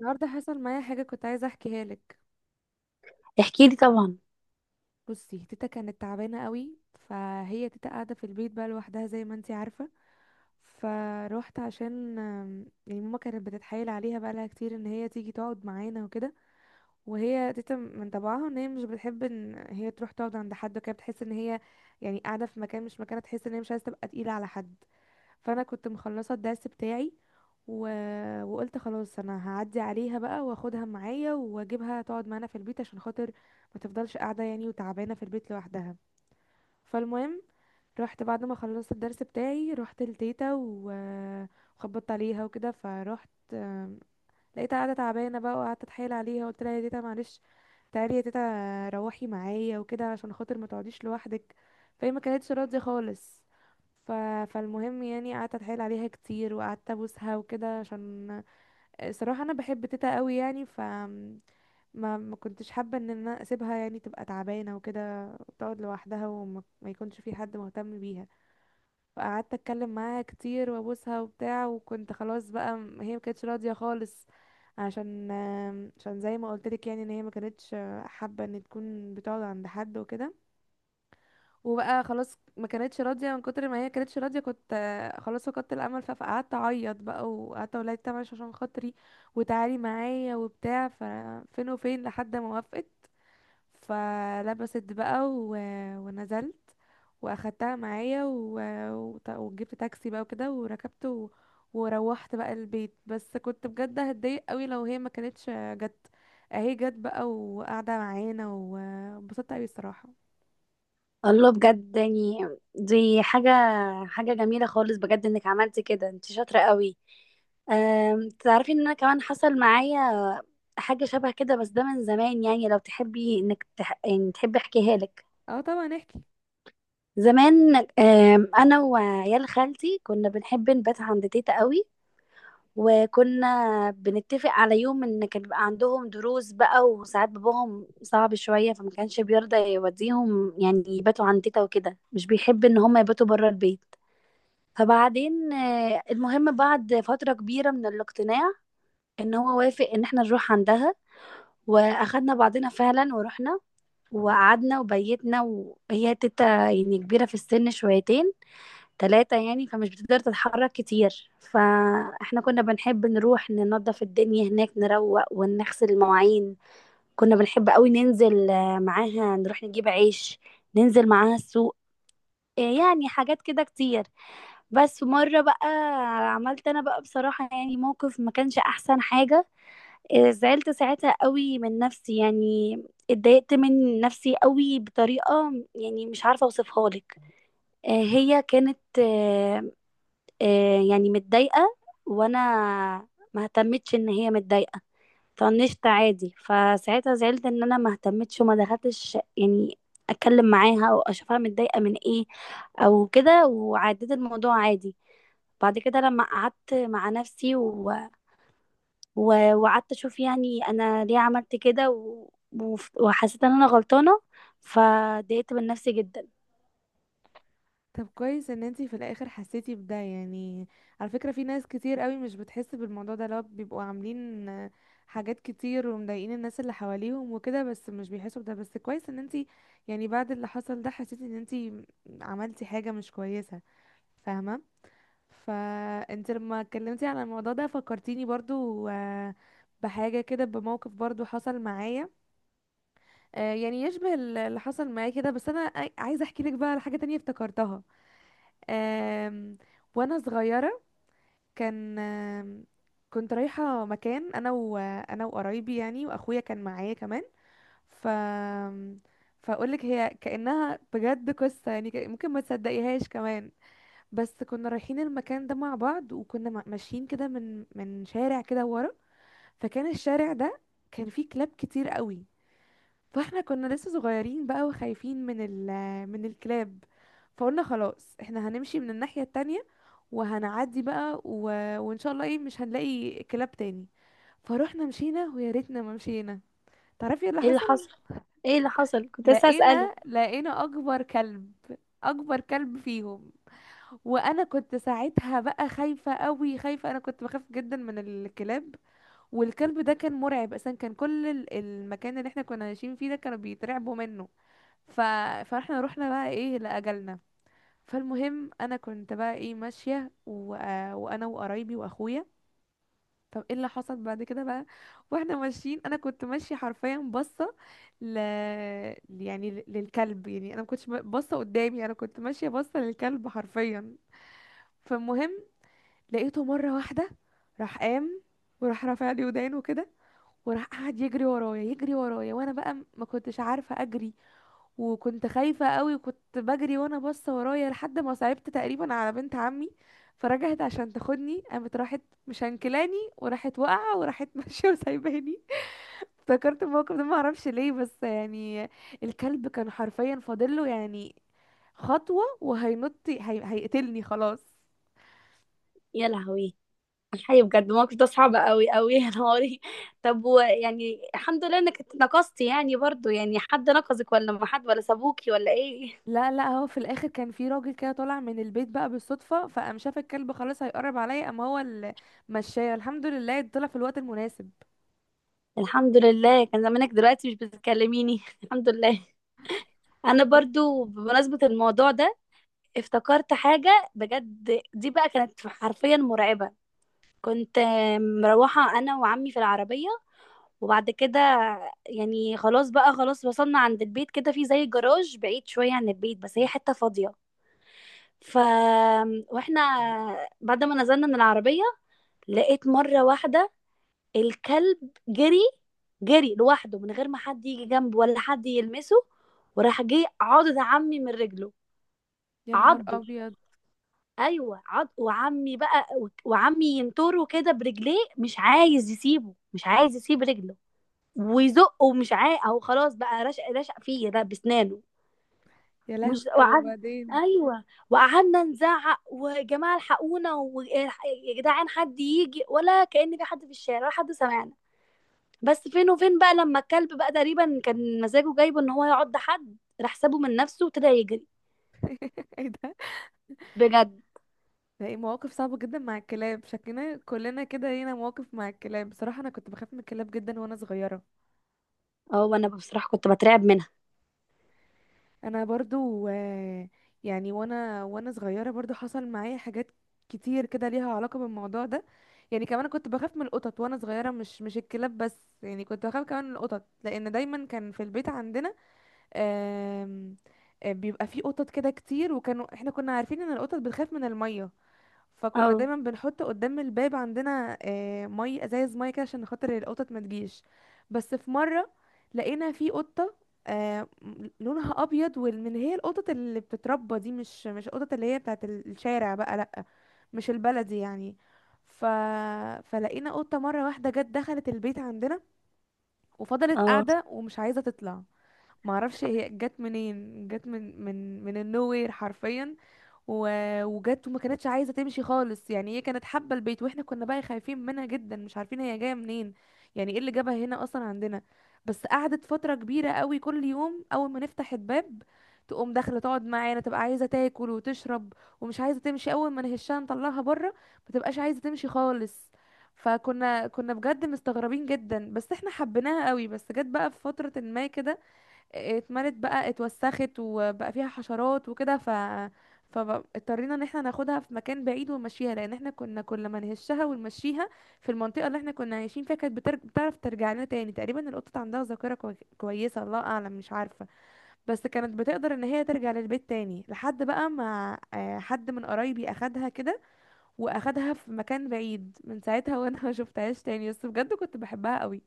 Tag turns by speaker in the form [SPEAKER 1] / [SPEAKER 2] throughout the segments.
[SPEAKER 1] النهارده حصل معايا حاجه كنت عايزه احكيها لك.
[SPEAKER 2] احكي لي طبعا.
[SPEAKER 1] بصي، تيتا كانت تعبانه قوي. فهي تيتا قاعده في البيت بقى لوحدها زي ما انتي عارفه. فروحت عشان يعني ماما كانت بتتحايل عليها بقى لها كتير ان هي تيجي تقعد معانا وكده. وهي تيتا من طبعها ان هي مش بتحب ان هي تروح تقعد عند حد وكده، بتحس ان هي يعني قاعده في مكان مش مكانها، تحس ان هي مش عايزه تبقى تقيله على حد. فانا كنت مخلصه الدرس بتاعي و... وقلت خلاص انا هعدي عليها بقى واخدها معايا واجيبها تقعد معانا في البيت عشان خاطر ما تفضلش قاعده يعني وتعبانه في البيت لوحدها. فالمهم، رحت بعد ما خلصت الدرس بتاعي، رحت لتيتا وخبطت عليها وكده، فرحت لقيتها قاعده تعبانه بقى، وقعدت اتحايل عليها، قلت لها يا تيتا معلش، تعالي يا تيتا، روحي معايا وكده عشان خاطر ما تقعديش لوحدك. فهي ما كانتش راضيه خالص. ف... فالمهم يعني قعدت اتحايل عليها كتير وقعدت ابوسها وكده، عشان الصراحه انا بحب تيتا قوي يعني. ف ما كنتش حابه ان انا اسيبها يعني تبقى تعبانه وكده وتقعد لوحدها وما ما يكونش في حد مهتم بيها. فقعدت اتكلم معاها كتير وابوسها وبتاع، وكنت خلاص بقى هي ما كانتش راضيه خالص عشان عشان زي ما قلت لك يعني ان هي ما كانتش حابه ان تكون بتقعد عند حد وكده. وبقى خلاص ما كانتش راضيه، من كتر ما هي كانتش راضيه كنت خلاص فقدت الامل، فقعدت اعيط بقى وقعدت اقول لها تمام عشان خاطري وتعالي معايا وبتاع. ففين وفين لحد ما وافقت. فلبست بقى ونزلت واخدتها معايا وجبت تاكسي بقى وكده، وركبت وروحت بقى البيت. بس كنت بجد هتضايق قوي لو هي ما كانتش جت. اهي جت بقى وقاعده معانا وانبسطت قوي الصراحه.
[SPEAKER 2] الله، بجد يعني، دي حاجة جميلة خالص، بجد انك عملتي كده، انت شاطرة قوي. تعرفي ان انا كمان حصل معايا حاجة شبه كده، بس ده من زمان يعني. لو تحبي انك تح... يعني تحبي احكيها لك.
[SPEAKER 1] اه طبعا احكي.
[SPEAKER 2] زمان، انا وعيال خالتي كنا بنحب نبات عند تيتا قوي. وكنا بنتفق على يوم ان كان بيبقى عندهم دروس بقى، وساعات باباهم صعب شوية، فما كانش بيرضى يوديهم يعني يباتوا عند تيتا وكده، مش بيحب ان هم يباتوا بره البيت. فبعدين المهم، بعد فترة كبيرة من الاقتناع، ان هو وافق ان احنا نروح عندها، واخدنا بعضنا فعلا ورحنا، وقعدنا وبيتنا. وهي تيتا يعني كبيرة في السن شويتين تلاتة يعني، فمش بتقدر تتحرك كتير، فاحنا كنا بنحب نروح ننظف الدنيا هناك، نروق ونغسل المواعين. كنا بنحب قوي ننزل معاها نروح نجيب عيش، ننزل معاها السوق، يعني حاجات كده كتير. بس مرة بقى عملت انا بقى بصراحة يعني موقف ما كانش احسن حاجة. زعلت ساعتها قوي من نفسي يعني، اتضايقت من نفسي قوي بطريقة يعني مش عارفة اوصفها لك. آه، هي كانت آه، آه، يعني متضايقة، وانا ما اهتمتش ان هي متضايقة، طنشت عادي. فساعتها زعلت ان انا ما اهتمتش وما دخلتش يعني اتكلم معاها او اشوفها متضايقة من ايه او كده، وعديت الموضوع عادي. بعد كده لما قعدت مع نفسي وقعدت اشوف يعني انا ليه عملت كده، وحسيت ان انا غلطانة، فضايقت من نفسي جدا.
[SPEAKER 1] طب كويس ان انتي في الاخر حسيتي بده يعني. على فكرة في ناس كتير قوي مش بتحس بالموضوع ده، لو بيبقوا عاملين حاجات كتير ومضايقين الناس اللي حواليهم وكده، بس مش بيحسوا بده. بس كويس ان انتي يعني بعد اللي حصل ده حسيتي ان انتي عملتي حاجة مش كويسة، فاهمة؟ فانت لما اتكلمتي على الموضوع ده فكرتيني برضو بحاجة كده، بموقف برضو حصل معايا يعني يشبه اللي حصل معايا كده. بس انا عايزة احكي لك بقى على حاجة تانية افتكرتها. آم، وانا صغيره كان كنت رايحه مكان انا وقرايبي يعني، واخويا كان معايا كمان. ف فاقولك هي كانها بجد قصه يعني، ممكن ما تصدقيهاش كمان. بس كنا رايحين المكان ده مع بعض، وكنا ماشيين كده من شارع كده ورا. فكان الشارع ده كان فيه كلاب كتير قوي. فاحنا كنا لسه صغيرين بقى وخايفين من الكلاب. فقلنا خلاص احنا هنمشي من الناحيه التانية وهنعدي بقى وان شاء الله ايه مش هنلاقي كلاب تاني. فروحنا مشينا، ويا ريتنا ما مشينا. تعرفي ايه اللي
[SPEAKER 2] ايه اللي
[SPEAKER 1] حصل؟
[SPEAKER 2] حصل؟ ايه اللي حصل؟ كنت لسه اسألك.
[SPEAKER 1] لقينا اكبر كلب، اكبر كلب فيهم. وانا كنت ساعتها بقى خايفه قوي، خايفه، انا كنت بخاف جدا من الكلاب. والكلب ده كان مرعب اصلا، كان كل المكان اللي احنا كنا عايشين فيه ده كانوا بيترعبوا منه. ف... فاحنا رحنا بقى ايه لاجلنا. فالمهم انا كنت بقى ايه ماشيه وانا وقرايبي واخويا. طب ايه اللي حصل بعد كده بقى. واحنا ماشيين انا كنت ماشيه حرفيا باصه ل... يعني للكلب، يعني انا ما كنتش باصه قدامي، انا كنت ماشيه باصه للكلب حرفيا. فالمهم لقيته مره واحده راح قام وراح رافع لي ودانه كده، وراح قعد يجري ورايا، يجري ورايا، وانا بقى ما كنتش عارفه اجري. وكنت خايفة قوي، وكنت بجري وانا باصة ورايا، لحد ما صعبت تقريبا على بنت عمي فرجعت عشان تاخدني، قامت راحت مشنكلاني، وراحت واقعة وراحت ماشية وسايباني. افتكرت الموقف ده ما اعرفش ليه، بس يعني الكلب كان حرفيا فاضله يعني خطوة وهينط، هيقتلني خلاص.
[SPEAKER 2] يا لهوي، الحقيقة بجد الموقف ده صعب قوي قوي، يا نهاري. طب ويعني الحمد لله انك اتنقصتي يعني، برضو يعني حد نقصك ولا ما حد ولا سابوكي ولا ايه؟
[SPEAKER 1] لا لا، هو في الاخر كان في راجل كده طالع من البيت بقى بالصدفة، فقام شاف الكلب خلاص هيقرب عليا، قام هو اللي مشاه، الحمد لله طلع في الوقت المناسب.
[SPEAKER 2] الحمد لله، كان زمانك دلوقتي مش بتكلميني. الحمد لله. انا برضو بمناسبة الموضوع ده افتكرت حاجة بجد، دي بقى كانت حرفيا مرعبة. كنت مروحة انا وعمي في العربية، وبعد كده يعني خلاص بقى، خلاص وصلنا عند البيت، كده في زي جراج بعيد شوية عن البيت، بس هي حتة فاضية. ف واحنا بعد ما نزلنا من العربية، لقيت مرة واحدة الكلب جري، جري لوحده من غير ما حد يجي جنبه ولا حد يلمسه، وراح جه عض عمي من رجله.
[SPEAKER 1] يا نهار
[SPEAKER 2] عضه؟
[SPEAKER 1] ابيض.
[SPEAKER 2] ايوه عض. وعمي بقى، وعمي ينطره كده برجليه، مش عايز يسيبه، مش عايز يسيب رجله ويزقه، مش عايز. او خلاص بقى، رشق، رشق فيه ده بسنانه.
[SPEAKER 1] يا لهوي
[SPEAKER 2] مش
[SPEAKER 1] طب
[SPEAKER 2] وقعدنا،
[SPEAKER 1] وبعدين.
[SPEAKER 2] ايوه وقعدنا نزعق: ويا جماعه الحقونا، ويا جدعان حد يجي، ولا كأن في حد في الشارع، ولا حد سمعنا. بس فين وفين بقى لما الكلب بقى تقريبا كان مزاجه جايبه ان هو يعض حد، راح سابه من نفسه وابتدى يجري.
[SPEAKER 1] ايه ده؟
[SPEAKER 2] بجد.
[SPEAKER 1] ده ايه مواقف صعبة جدا مع الكلاب، شكلنا كلنا كده لينا مواقف مع الكلاب. بصراحة انا كنت بخاف من الكلاب جدا وانا صغيرة.
[SPEAKER 2] اه، وانا بصراحه كنت بترعب منها.
[SPEAKER 1] انا برضو يعني وانا صغيرة برضو حصل معايا حاجات كتير كده ليها علاقة بالموضوع ده. يعني كمان كنت بخاف من القطط وانا صغيرة، مش الكلاب بس يعني، كنت بخاف كمان من القطط، لان دايما كان في البيت عندنا آم، بيبقى فيه قطط كده كتير، وكانوا احنا كنا عارفين ان القطط بتخاف من المية. فكنا
[SPEAKER 2] اه.
[SPEAKER 1] دايما بنحط قدام الباب عندنا مي، ازايز مي كده عشان خاطر القطط ما تجيش. بس في مره لقينا في قطه لونها ابيض، واللي هي القطط اللي بتتربى دي، مش القطط اللي هي بتاعت الشارع بقى، لا مش البلدي يعني. ف... فلقينا قطه مره واحده جت دخلت البيت عندنا، وفضلت
[SPEAKER 2] اه،
[SPEAKER 1] قاعده ومش عايزه تطلع. معرفش هي جت منين، جت من من النوير حرفيا. وجت وما كانتش عايزه تمشي خالص يعني، هي كانت حابه البيت، واحنا كنا بقى خايفين منها جدا، مش عارفين هي جايه منين، يعني ايه اللي جابها هنا اصلا عندنا. بس قعدت فتره كبيره قوي، كل يوم اول ما نفتح الباب تقوم داخله تقعد معانا، تبقى عايزه تاكل وتشرب، ومش عايزه تمشي. اول ما نهشها نطلعها بره ما تبقاش عايزه تمشي خالص. كنا بجد مستغربين جدا، بس احنا حبيناها قوي. بس جت بقى في فتره ما كده، اتملت بقى اتوسخت وبقى فيها حشرات وكده، ف فاضطرينا ان احنا ناخدها في مكان بعيد ونمشيها، لان احنا كنا كل ما نهشها ونمشيها في المنطقه اللي احنا كنا عايشين فيها كانت بتعرف ترجع لنا تاني. تقريبا القطط عندها ذاكره كويسه، الله اعلم مش عارفه. بس كانت بتقدر ان هي ترجع للبيت تاني، لحد بقى ما حد من قرايبي اخدها كده، واخدها في مكان بعيد. من ساعتها وانا ما شفتهاش تاني، بس بجد كنت بحبها قوي.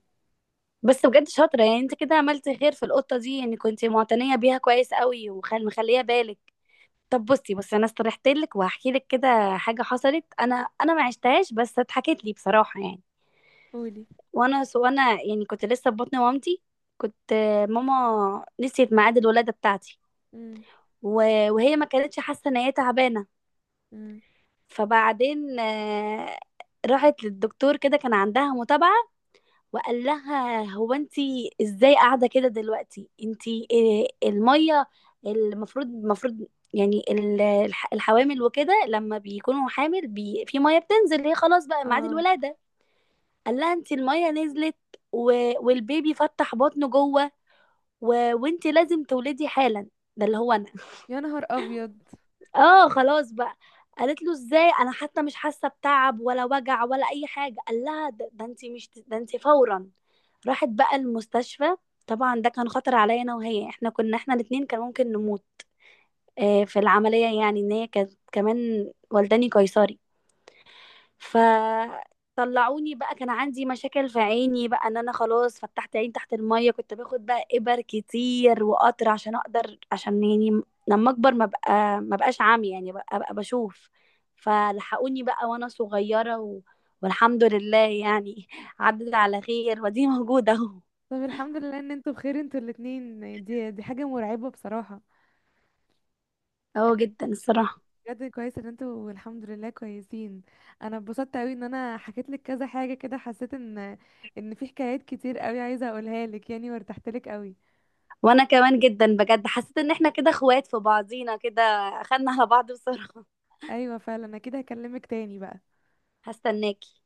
[SPEAKER 2] بس بجد شاطره يعني، انت كده عملت خير في القطه دي، يعني كنت معتنيه بيها كويس قوي ومخليه بالك. طب بصي، انا استرحت لك وهحكي لك كده حاجه حصلت، انا انا ما عشتهاش بس اتحكت لي بصراحه يعني.
[SPEAKER 1] قولي.
[SPEAKER 2] وانا سو انا يعني كنت لسه في بطن مامتي. كنت ماما نسيت ميعاد الولاده بتاعتي،
[SPEAKER 1] امم.
[SPEAKER 2] وهي ما كانتش حاسه ان هي تعبانه.
[SPEAKER 1] امم.
[SPEAKER 2] فبعدين راحت للدكتور كده، كان عندها متابعه، وقال لها هو: انت ازاي قاعده كده دلوقتي؟ انت إيه الميه؟ المفروض يعني الحوامل وكده لما بيكونوا حامل بي، في ميه بتنزل، هي خلاص بقى ميعاد
[SPEAKER 1] اه.
[SPEAKER 2] الولاده. قال لها: انت الميه نزلت، و... والبيبي فتح بطنه جوه، و... وانت لازم تولدي حالا. ده اللي هو انا.
[SPEAKER 1] يا نهار ابيض.
[SPEAKER 2] اه خلاص بقى، قالت له: ازاي؟ انا حتى مش حاسه بتعب ولا وجع ولا اي حاجه. قال لها: ده، انت مش، ده انت فورا. راحت بقى المستشفى. طبعا ده كان خطر عليا انا وهي، احنا كنا احنا الاتنين كان ممكن نموت. آه في العمليه، يعني ان هي كانت كمان والداني قيصري. فطلعوني بقى، كان عندي مشاكل في عيني بقى، ان انا خلاص فتحت عين تحت المية، كنت باخد بقى ابر كتير وقطر عشان اقدر، عشان يعني لما اكبر ما بقى ما بقاش عامي يعني، بقى بشوف. فلحقوني بقى وانا صغيرة والحمد لله يعني عدت على خير، ودي موجودة اهو.
[SPEAKER 1] طب الحمد لله ان انتوا بخير، انتوا الاتنين، دي حاجة مرعبة بصراحة.
[SPEAKER 2] اهو، جدا
[SPEAKER 1] حاجة،
[SPEAKER 2] الصراحة.
[SPEAKER 1] بجد كويس ان انتوا الحمد لله كويسين. انا اتبسطت قوي ان انا حكيت لك كذا حاجة كده، حسيت ان في حكايات كتير قوي عايزة اقولها لك يعني، وارتحت لك قوي.
[SPEAKER 2] وانا كمان جدا، بجد حسيت ان احنا كده اخوات في بعضينا كده، اخدنا على بعض بصراحة.
[SPEAKER 1] ايوه فعلا، انا كده هكلمك تاني بقى.
[SPEAKER 2] هستناكي.